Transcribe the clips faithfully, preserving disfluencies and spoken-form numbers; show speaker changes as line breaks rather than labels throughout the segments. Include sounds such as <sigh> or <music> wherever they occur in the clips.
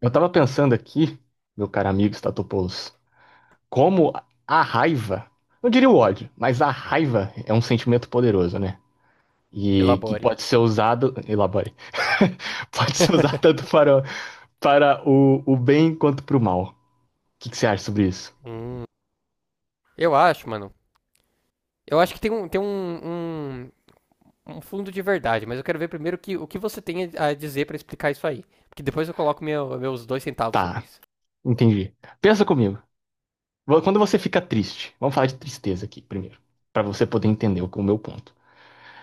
Eu tava pensando aqui, meu caro amigo Statopoulos, como a raiva, não diria o ódio, mas a raiva é um sentimento poderoso, né? E que
Elabore.
pode ser usado, elabore, <laughs> pode ser usado tanto
<laughs>
para, para o, o bem quanto para o mal. O que, que você acha sobre isso?
Hum, eu acho, mano. Eu acho que tem um, tem um, um, um fundo de verdade, mas eu quero ver primeiro que, o que você tem a dizer pra explicar isso aí. Porque depois eu coloco meu- meus dois centavos sobre
Tá,
isso.
entendi. Pensa comigo. Vo- Quando você fica triste, vamos falar de tristeza aqui primeiro, para você poder entender o, o meu ponto.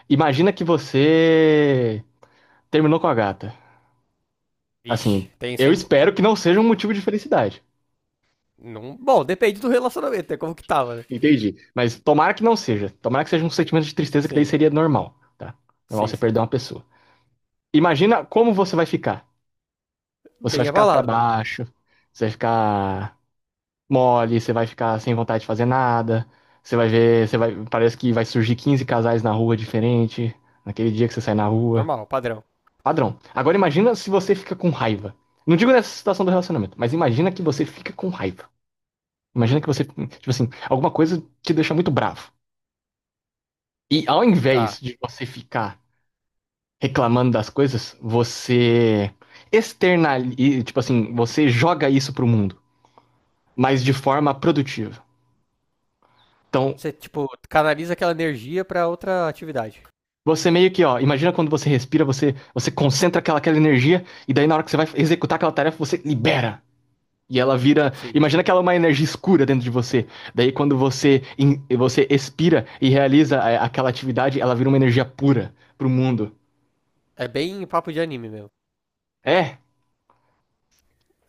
Imagina que você terminou com a gata. Assim,
Ixi, tenso,
eu
hein?
espero que não seja um motivo de felicidade.
Não. Bom, depende do relacionamento, é como que tava, né?
Entendi. Mas tomara que não seja. Tomara que seja um sentimento de tristeza, que daí
Sim,
seria normal, tá? Normal
sim,
você
sim.
perder uma pessoa. Imagina como você vai ficar. Você vai
Bem
ficar pra
abalado, mano.
baixo, você vai ficar mole, você vai ficar sem vontade de fazer nada. Você vai ver, você vai, parece que vai surgir quinze casais na rua diferente, naquele dia que você sai na rua.
Normal, padrão.
Padrão. Agora imagina se você fica com raiva. Não digo nessa situação do relacionamento, mas imagina que você fica com raiva. Imagina que
Hum,
você, tipo assim, alguma coisa te deixa muito bravo. E ao invés
tá.
de você ficar reclamando das coisas, você externaliza, tipo assim, você joga isso pro mundo, mas de forma produtiva. Então,
Você, tipo, canaliza aquela energia pra outra atividade.
você meio que, ó, imagina quando você respira, você, você concentra aquela, aquela energia, e daí na hora que você vai executar aquela tarefa, você libera. E ela vira.
Sim.
Imagina que ela é uma energia escura dentro de você. Daí quando você, in- você expira e realiza a- aquela atividade, ela vira uma energia pura pro mundo.
É bem papo de anime meu.
É.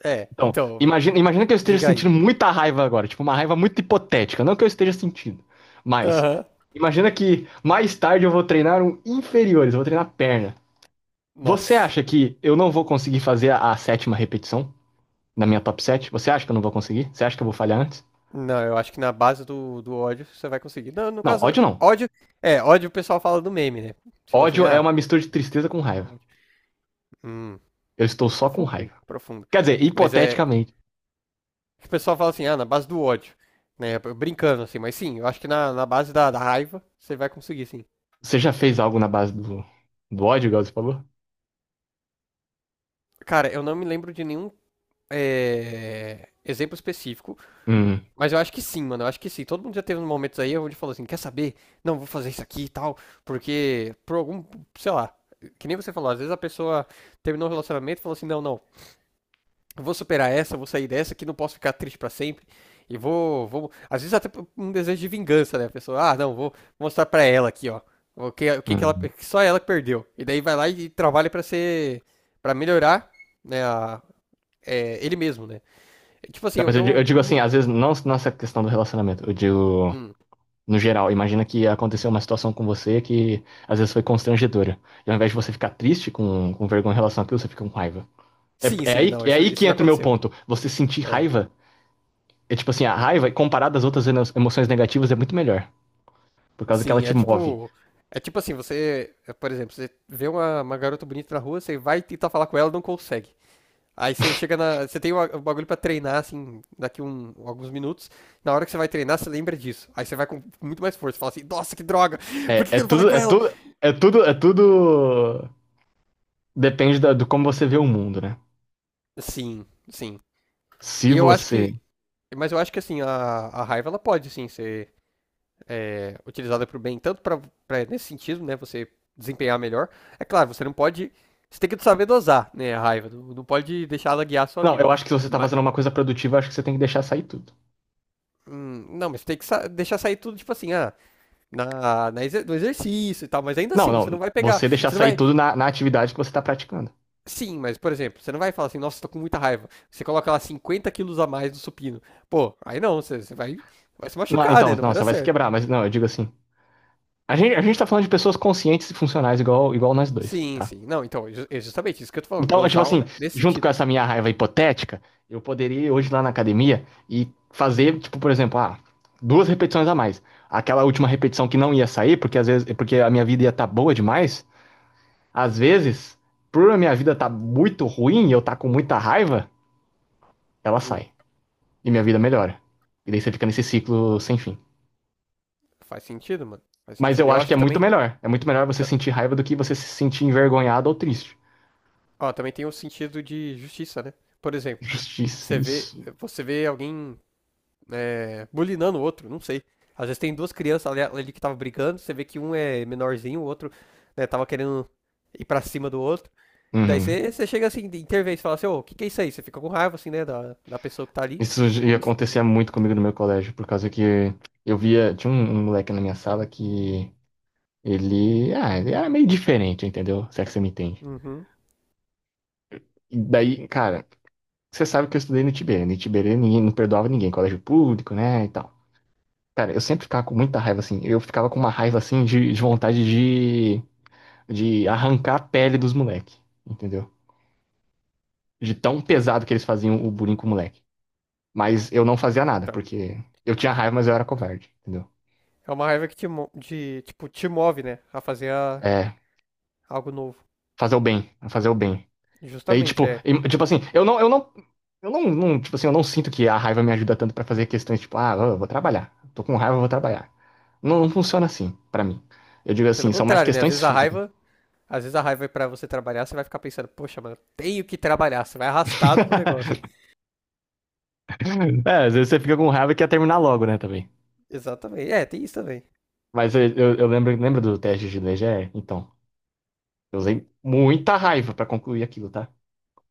É,
Então,
então,
imagina, imagina que eu esteja
diga aí.
sentindo muita raiva agora, tipo, uma raiva muito hipotética, não que eu esteja sentindo, mas
Aham.
imagina que mais tarde eu vou treinar um inferiores, eu vou treinar perna. Você
Nossa.
acha que eu não vou conseguir fazer a, a sétima repetição na minha top sete? Você acha que eu não vou conseguir? Você acha que eu vou falhar antes?
Não, eu acho que na base do, do ódio você vai conseguir. Não, no
Não,
caso,
ódio não.
ódio. É, ódio o pessoal fala do meme, né? Tipo assim,
Ódio é
ah,
uma mistura de tristeza com raiva.
ódio. Hum,
Eu estou só com
profundo, hein?
raiva.
Profundo.
Quer dizer,
Mas é.
hipoteticamente,
O pessoal fala assim, ah, na base do ódio. Né? Brincando, assim, mas sim, eu acho que na, na base da, da raiva você vai conseguir, sim.
você já fez algo na base do, do ódio, igual você falou?
Cara, eu não me lembro de nenhum é, exemplo específico.
Hum,
Mas eu acho que sim, mano. Eu acho que sim. Todo mundo já teve uns momentos aí onde falou assim, quer saber? Não, vou fazer isso aqui e tal. Porque, por algum, sei lá, que nem você falou, às vezes a pessoa terminou um relacionamento e falou assim, não, não, eu vou superar essa, eu vou sair dessa, que não posso ficar triste pra sempre. E vou, vou. Às vezes até por um desejo de vingança, né? A pessoa, ah, não, vou mostrar pra ela aqui, ó. O que, o que, que ela.
hum.
que só ela que perdeu. E daí vai lá e trabalha pra ser. Pra melhorar, né? A- é, ele mesmo, né? Tipo assim,
Não,
eu.
mas eu, di- eu
Eu
digo
não-
assim, às vezes, não nessa questão do relacionamento, eu digo
hum.
no geral. Imagina que aconteceu uma situação com você que às vezes foi constrangedora. E ao invés de você ficar triste com, com vergonha em relação àquilo, você fica com raiva. É,
Sim,
é
sim,
aí,
não,
é
isso,
aí
isso
que
já
entra o meu
aconteceu.
ponto. Você sentir
É,
raiva, é tipo assim, a raiva, comparada às outras emo- emoções negativas, é muito melhor. Por causa que ela
sim,
te
é
move.
tipo. É tipo assim, você, é, por exemplo, você vê uma, uma garota bonita na rua, você vai tentar falar com ela, não consegue. Aí você chega na. Você tem o a- o bagulho pra treinar, assim, daqui um, alguns minutos. Na hora que você vai treinar, você lembra disso. Aí você vai com muito mais força. Fala assim, nossa, que droga! Por que
É,
que
é
eu não falei
tudo,
com
é
ela?
tudo, é tudo, é tudo. Depende da- do como você vê o mundo, né?
Sim, sim.
Se
E eu acho
você.
que. Mas eu acho que assim, a, a raiva ela pode, sim, ser utilizada para o bem, tanto para nesse sentido, né, você desempenhar melhor. É claro, você não pode, você tem que saber dosar, né, a raiva, não, não pode deixar ela guiar a sua
Não,
vida.
eu acho que se você tá
Mas,
fazendo uma coisa produtiva, eu acho que você tem que deixar sair tudo.
hum, não, mas tem que sa- deixar sair tudo, tipo assim, ah, na, na exer- no exercício e tal, mas ainda
Não,
assim, você não
não.
vai pegar,
Você deixar
você não
sair
vai,
tudo na, na atividade que você está praticando.
sim, mas, por exemplo, você não vai falar assim, nossa, tô com muita raiva, você coloca lá cinquenta quilos a mais no supino, pô, aí não, você, você vai, vai se
Não,
machucar,
então,
né, não vai
não,
dar
você vai se
certo.
quebrar, mas não, eu digo assim. A gente, a gente tá falando de pessoas conscientes e funcionais, igual, igual nós dois,
Sim,
tá?
sim, não, então, é ju- é justamente isso que eu tô falando,
Então, tipo
dosar o-
assim,
nesse
junto com
sentido.
essa minha raiva hipotética, eu poderia ir hoje lá na academia e fazer, tipo, por exemplo, ah, duas repetições a mais. Aquela última repetição que não ia sair, porque às vezes, porque a minha vida ia estar boa demais, às vezes, por a minha vida tá muito ruim e eu tá com muita raiva, ela
Hum.
sai. E minha vida melhora. E daí você fica nesse ciclo sem fim.
Faz sentido, mano. Faz
Mas
sentido.
eu
Eu
acho
acho
que é
que
muito
também,
melhor. É muito melhor você
ta-
sentir raiva do que você se sentir envergonhado ou triste.
ó, também tem o sentido de justiça, né? Por exemplo,
Justiça,
você vê,
isso.
você vê alguém é, bulinando o outro, não sei. Às vezes tem duas crianças ali, ali que estavam brigando, você vê que um é menorzinho, o outro, né, tava querendo ir pra cima do outro. Daí
Uhum.
você, você chega assim, de- intervém, você fala assim, ô, o que que é isso aí? Você fica com raiva, assim, né, da, da pessoa que tá ali.
Isso ia
Isso.
acontecer muito comigo no meu colégio, por causa que eu via. Tinha um, um moleque na minha sala que ele. Ah, ele era meio diferente, entendeu? Se é que você me entende.
Uhum.
E daí, cara, você sabe que eu estudei no Tiberê. No Tiberê ninguém não perdoava ninguém, colégio público, né? E tal. Cara, eu sempre ficava com muita raiva assim. Eu ficava com uma raiva assim de, de vontade de, de arrancar a pele dos moleques, entendeu? De tão pesado que eles faziam o bullying com o moleque. Mas eu não fazia nada,
Então,
porque eu tinha raiva, mas eu era covarde, entendeu?
é uma raiva que te, mo- de, tipo, te move, né, a fazer a-
É,
algo novo.
fazer o bem, fazer o bem. Daí,
Justamente,
tipo,
é.
em- tipo assim, eu não, eu não, eu não, não, tipo assim, eu não sinto que a raiva me ajuda tanto pra fazer questões, tipo, ah, eu vou trabalhar. Tô com raiva, eu vou trabalhar. Não, não funciona assim, pra mim. Eu digo
Pelo
assim, são mais
contrário, né? Às
questões
vezes a
físicas.
raiva, às vezes a raiva é pra você trabalhar, você vai ficar pensando, poxa, mano, tenho que trabalhar, você vai arrastado pro negócio.
<laughs> É, às vezes você fica com raiva e quer terminar logo, né, também.
Exatamente. É, tem isso também.
Mas eu, eu, eu lembro, lembra do teste de D G E? Então, eu usei muita raiva pra concluir aquilo, tá?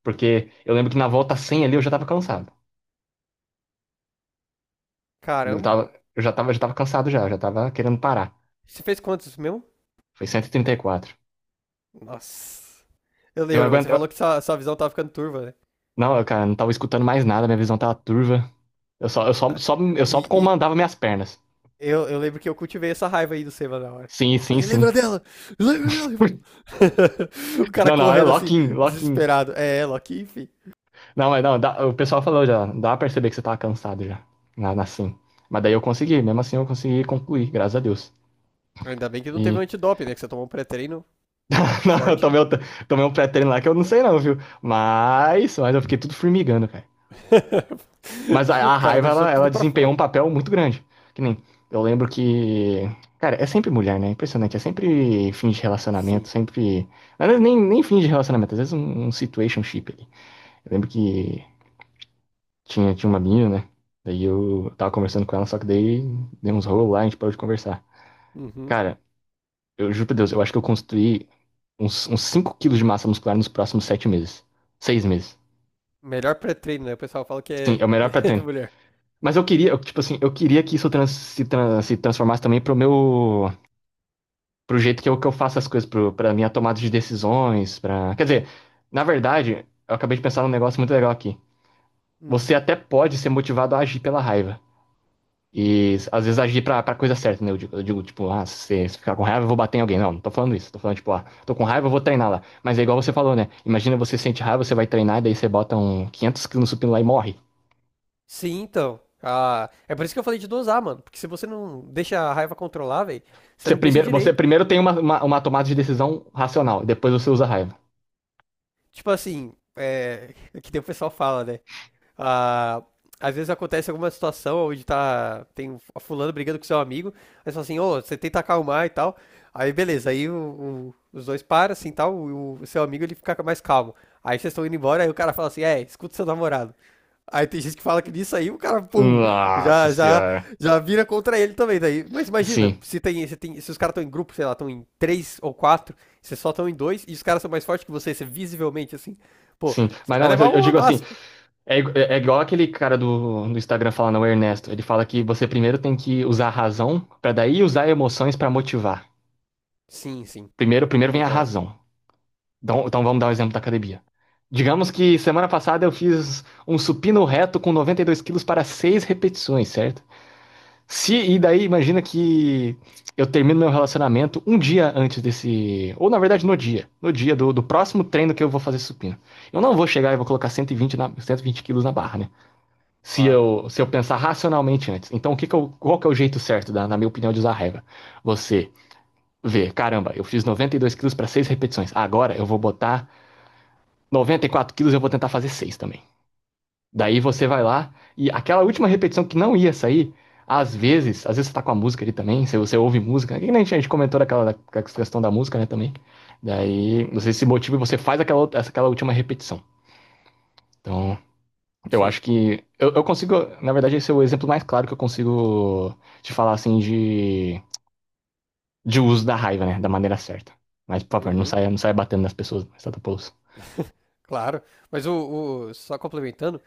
Porque eu lembro que na volta cem ali eu já tava cansado. Eu
Caramba.
tava, eu já tava, já tava cansado já, eu já tava querendo parar.
Você fez quantos mesmo?
Foi cento e trinta e quatro.
Nossa. Eu
Eu
lembro, mano, você
aguento,
falou
eu-
que sua, sua visão tava ficando turva, né?
não, eu, cara, não tava escutando mais nada, minha visão tava turva. Eu só, eu só,
Ai,
só, eu só
E, e
comandava minhas pernas.
eu, eu lembro que eu cultivei essa raiva aí do Seba na hora.
Sim, sim,
Falei, lembra
sim.
dela? Lembra dela? Ele falou-
<laughs>
<laughs> o cara
Não, não, era
correndo assim,
lock-in, lock-in.
desesperado. É ela aqui, enfim.
Não, mas não, dá- o pessoal falou já, dá pra perceber que você tava cansado já, na, na sim. Mas daí eu consegui, mesmo assim eu consegui concluir, graças a Deus.
Ainda bem que não teve um
E,
antidoping, né? Que você tomou um pré-treino
<laughs> não, eu
forte, né?
tomei, um- tomei um pré-treino lá que eu não sei não, viu? Mas, mas eu fiquei tudo formigando, cara.
<laughs>
Mas a,
O
a
cara
raiva,
deixou
ela,
tudo
ela
pra
desempenhou
fora.
um papel muito grande. Que nem, eu lembro que. Cara, é sempre mulher, né? Impressionante. É sempre fim de relacionamento,
Sim.
sempre. Às vezes nem, nem fim de relacionamento, às vezes um, um situationship ali. Eu lembro que tinha, tinha uma menina, né? Daí eu tava conversando com ela, só que daí deu uns
Hum.
rolos lá, a gente parou de conversar.
Uhum.
Cara, eu juro pra Deus, eu acho que eu construí uns, uns cinco quilos de massa muscular nos próximos sete meses. Seis meses.
Melhor pré-treino, né? O pessoal fala que
Sim,
é,
é o melhor pra
<laughs> que é
treino.
mulher.
Mas eu queria, eu, tipo assim, eu queria que isso trans- se, tran- se transformasse também pro meu. Pro jeito que eu, que eu faço as coisas, pro, pra minha tomada de decisões, pra. Quer dizer, na verdade, eu acabei de pensar num negócio muito legal aqui.
Hum.
Você até pode ser motivado a agir pela raiva. E às vezes agir pra, pra coisa certa, né? Eu digo, eu digo, tipo, ah, se, se ficar com raiva, eu vou bater em alguém. Não, não tô falando isso. Tô falando, tipo, ah, tô com raiva, eu vou treinar lá. Mas é igual você falou, né? Imagina você sente raiva, você vai treinar, daí você bota um quinhentos quilos no supino lá e morre.
Sim, então. Ah, é por isso que eu falei de dosar, mano. Porque se você não deixa a raiva controlar, velho, você
Você
não pensa
primeiro, você
direito.
primeiro tem uma, uma, uma tomada de decisão racional, depois você usa a raiva.
Tipo assim, é, é que nem o pessoal fala, né? Ah, às vezes acontece alguma situação onde tá, tem a fulano brigando com seu amigo, aí você fala assim, ô, você tenta acalmar e tal. Aí beleza, aí o- o- os dois param assim e tal, o, o seu amigo ele fica mais calmo. Aí vocês estão indo embora, aí o cara fala assim, é, escuta seu namorado. Aí tem gente que fala que nisso aí o cara, pum,
Nossa
já, já,
senhora.
já vira contra ele também. Daí. Mas imagina,
Sim,
se tem, se tem, se os caras estão em grupo, sei lá, estão em três ou quatro, vocês só estão em dois, e os caras são mais fortes que você, você visivelmente assim, pô,
sim.
você
Mas
vai
não, mas
levar
eu, eu
uma
digo assim,
massa.
é, igu- é- é igual aquele cara do, do Instagram falando, o Ernesto. Ele fala que você primeiro tem que usar a razão, pra daí usar emoções pra motivar.
Sim, sim.
Primeiro, primeiro vem a
Concordo.
razão. Então, então vamos dar o exemplo da academia. Digamos que semana passada eu fiz um supino reto com noventa e dois quilos para seis repetições, certo? Se,
Hum,
e daí, imagina que eu termino meu relacionamento um dia antes desse. Ou na verdade, no dia. No dia do, do próximo treino que eu vou fazer supino. Eu não vou chegar e vou colocar cento e vinte na, cento e vinte quilos na barra, né? Se
Claro.
eu, se eu pensar racionalmente antes. Então, o que que eu, qual que é o jeito certo, da, na minha opinião, de usar a regra? Você vê, caramba, eu fiz noventa e dois quilos para seis repetições. Agora eu vou botar noventa e quatro quilos e eu vou tentar fazer seis também. Daí você vai lá e aquela última repetição que não ia sair, às vezes, às vezes você tá com a música ali também, se você ouve música, que nem a gente comentou daquela da- questão da música, né, também. Daí você se motiva e você faz aquela, outra- aquela última repetição. Então, eu acho
Sim.
que eu, eu consigo, na verdade, esse é o exemplo mais claro que eu consigo te falar assim de, de uso da raiva, né, da maneira certa. Mas, por favor, não
Uhum.
saia, não saia batendo nas pessoas, mas tá pulso.
<laughs> Claro. Mas o, o- só complementando,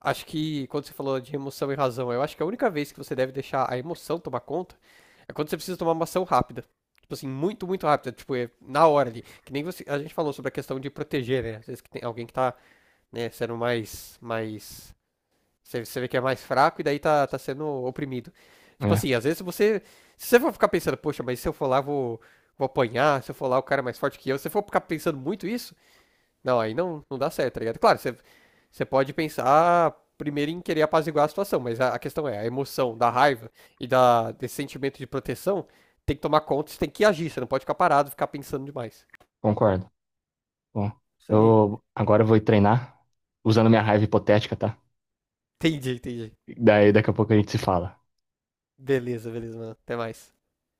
acho que quando você falou de emoção e razão, eu acho que a única vez que você deve deixar a emoção tomar conta é quando você precisa tomar uma ação rápida. Tipo assim, muito, muito rápida. Tipo, é na hora ali. Que nem você, a gente falou sobre a questão de proteger, né? Às vezes que tem alguém que tá, né, sendo mais, mais Você, você vê que é mais fraco e daí tá, tá sendo oprimido. Tipo
É,
assim, às vezes você. Se você for ficar pensando, poxa, mas se eu for lá, vou, vou apanhar, se eu for lá, o cara é mais forte que eu. Se você for ficar pensando muito isso, não, aí não, não dá certo, tá ligado? Claro, você, você pode pensar primeiro em querer apaziguar a situação, mas a, a questão é, a emoção da raiva e da, desse sentimento de proteção tem que tomar conta, você tem que agir, você não pode ficar parado, ficar pensando demais.
concordo. Bom,
Isso aí.
eu agora vou ir treinar usando minha raiva hipotética, tá?
Entendi, entendi.
Daí daqui a pouco a gente se fala.
Beleza, beleza, mano. Até mais.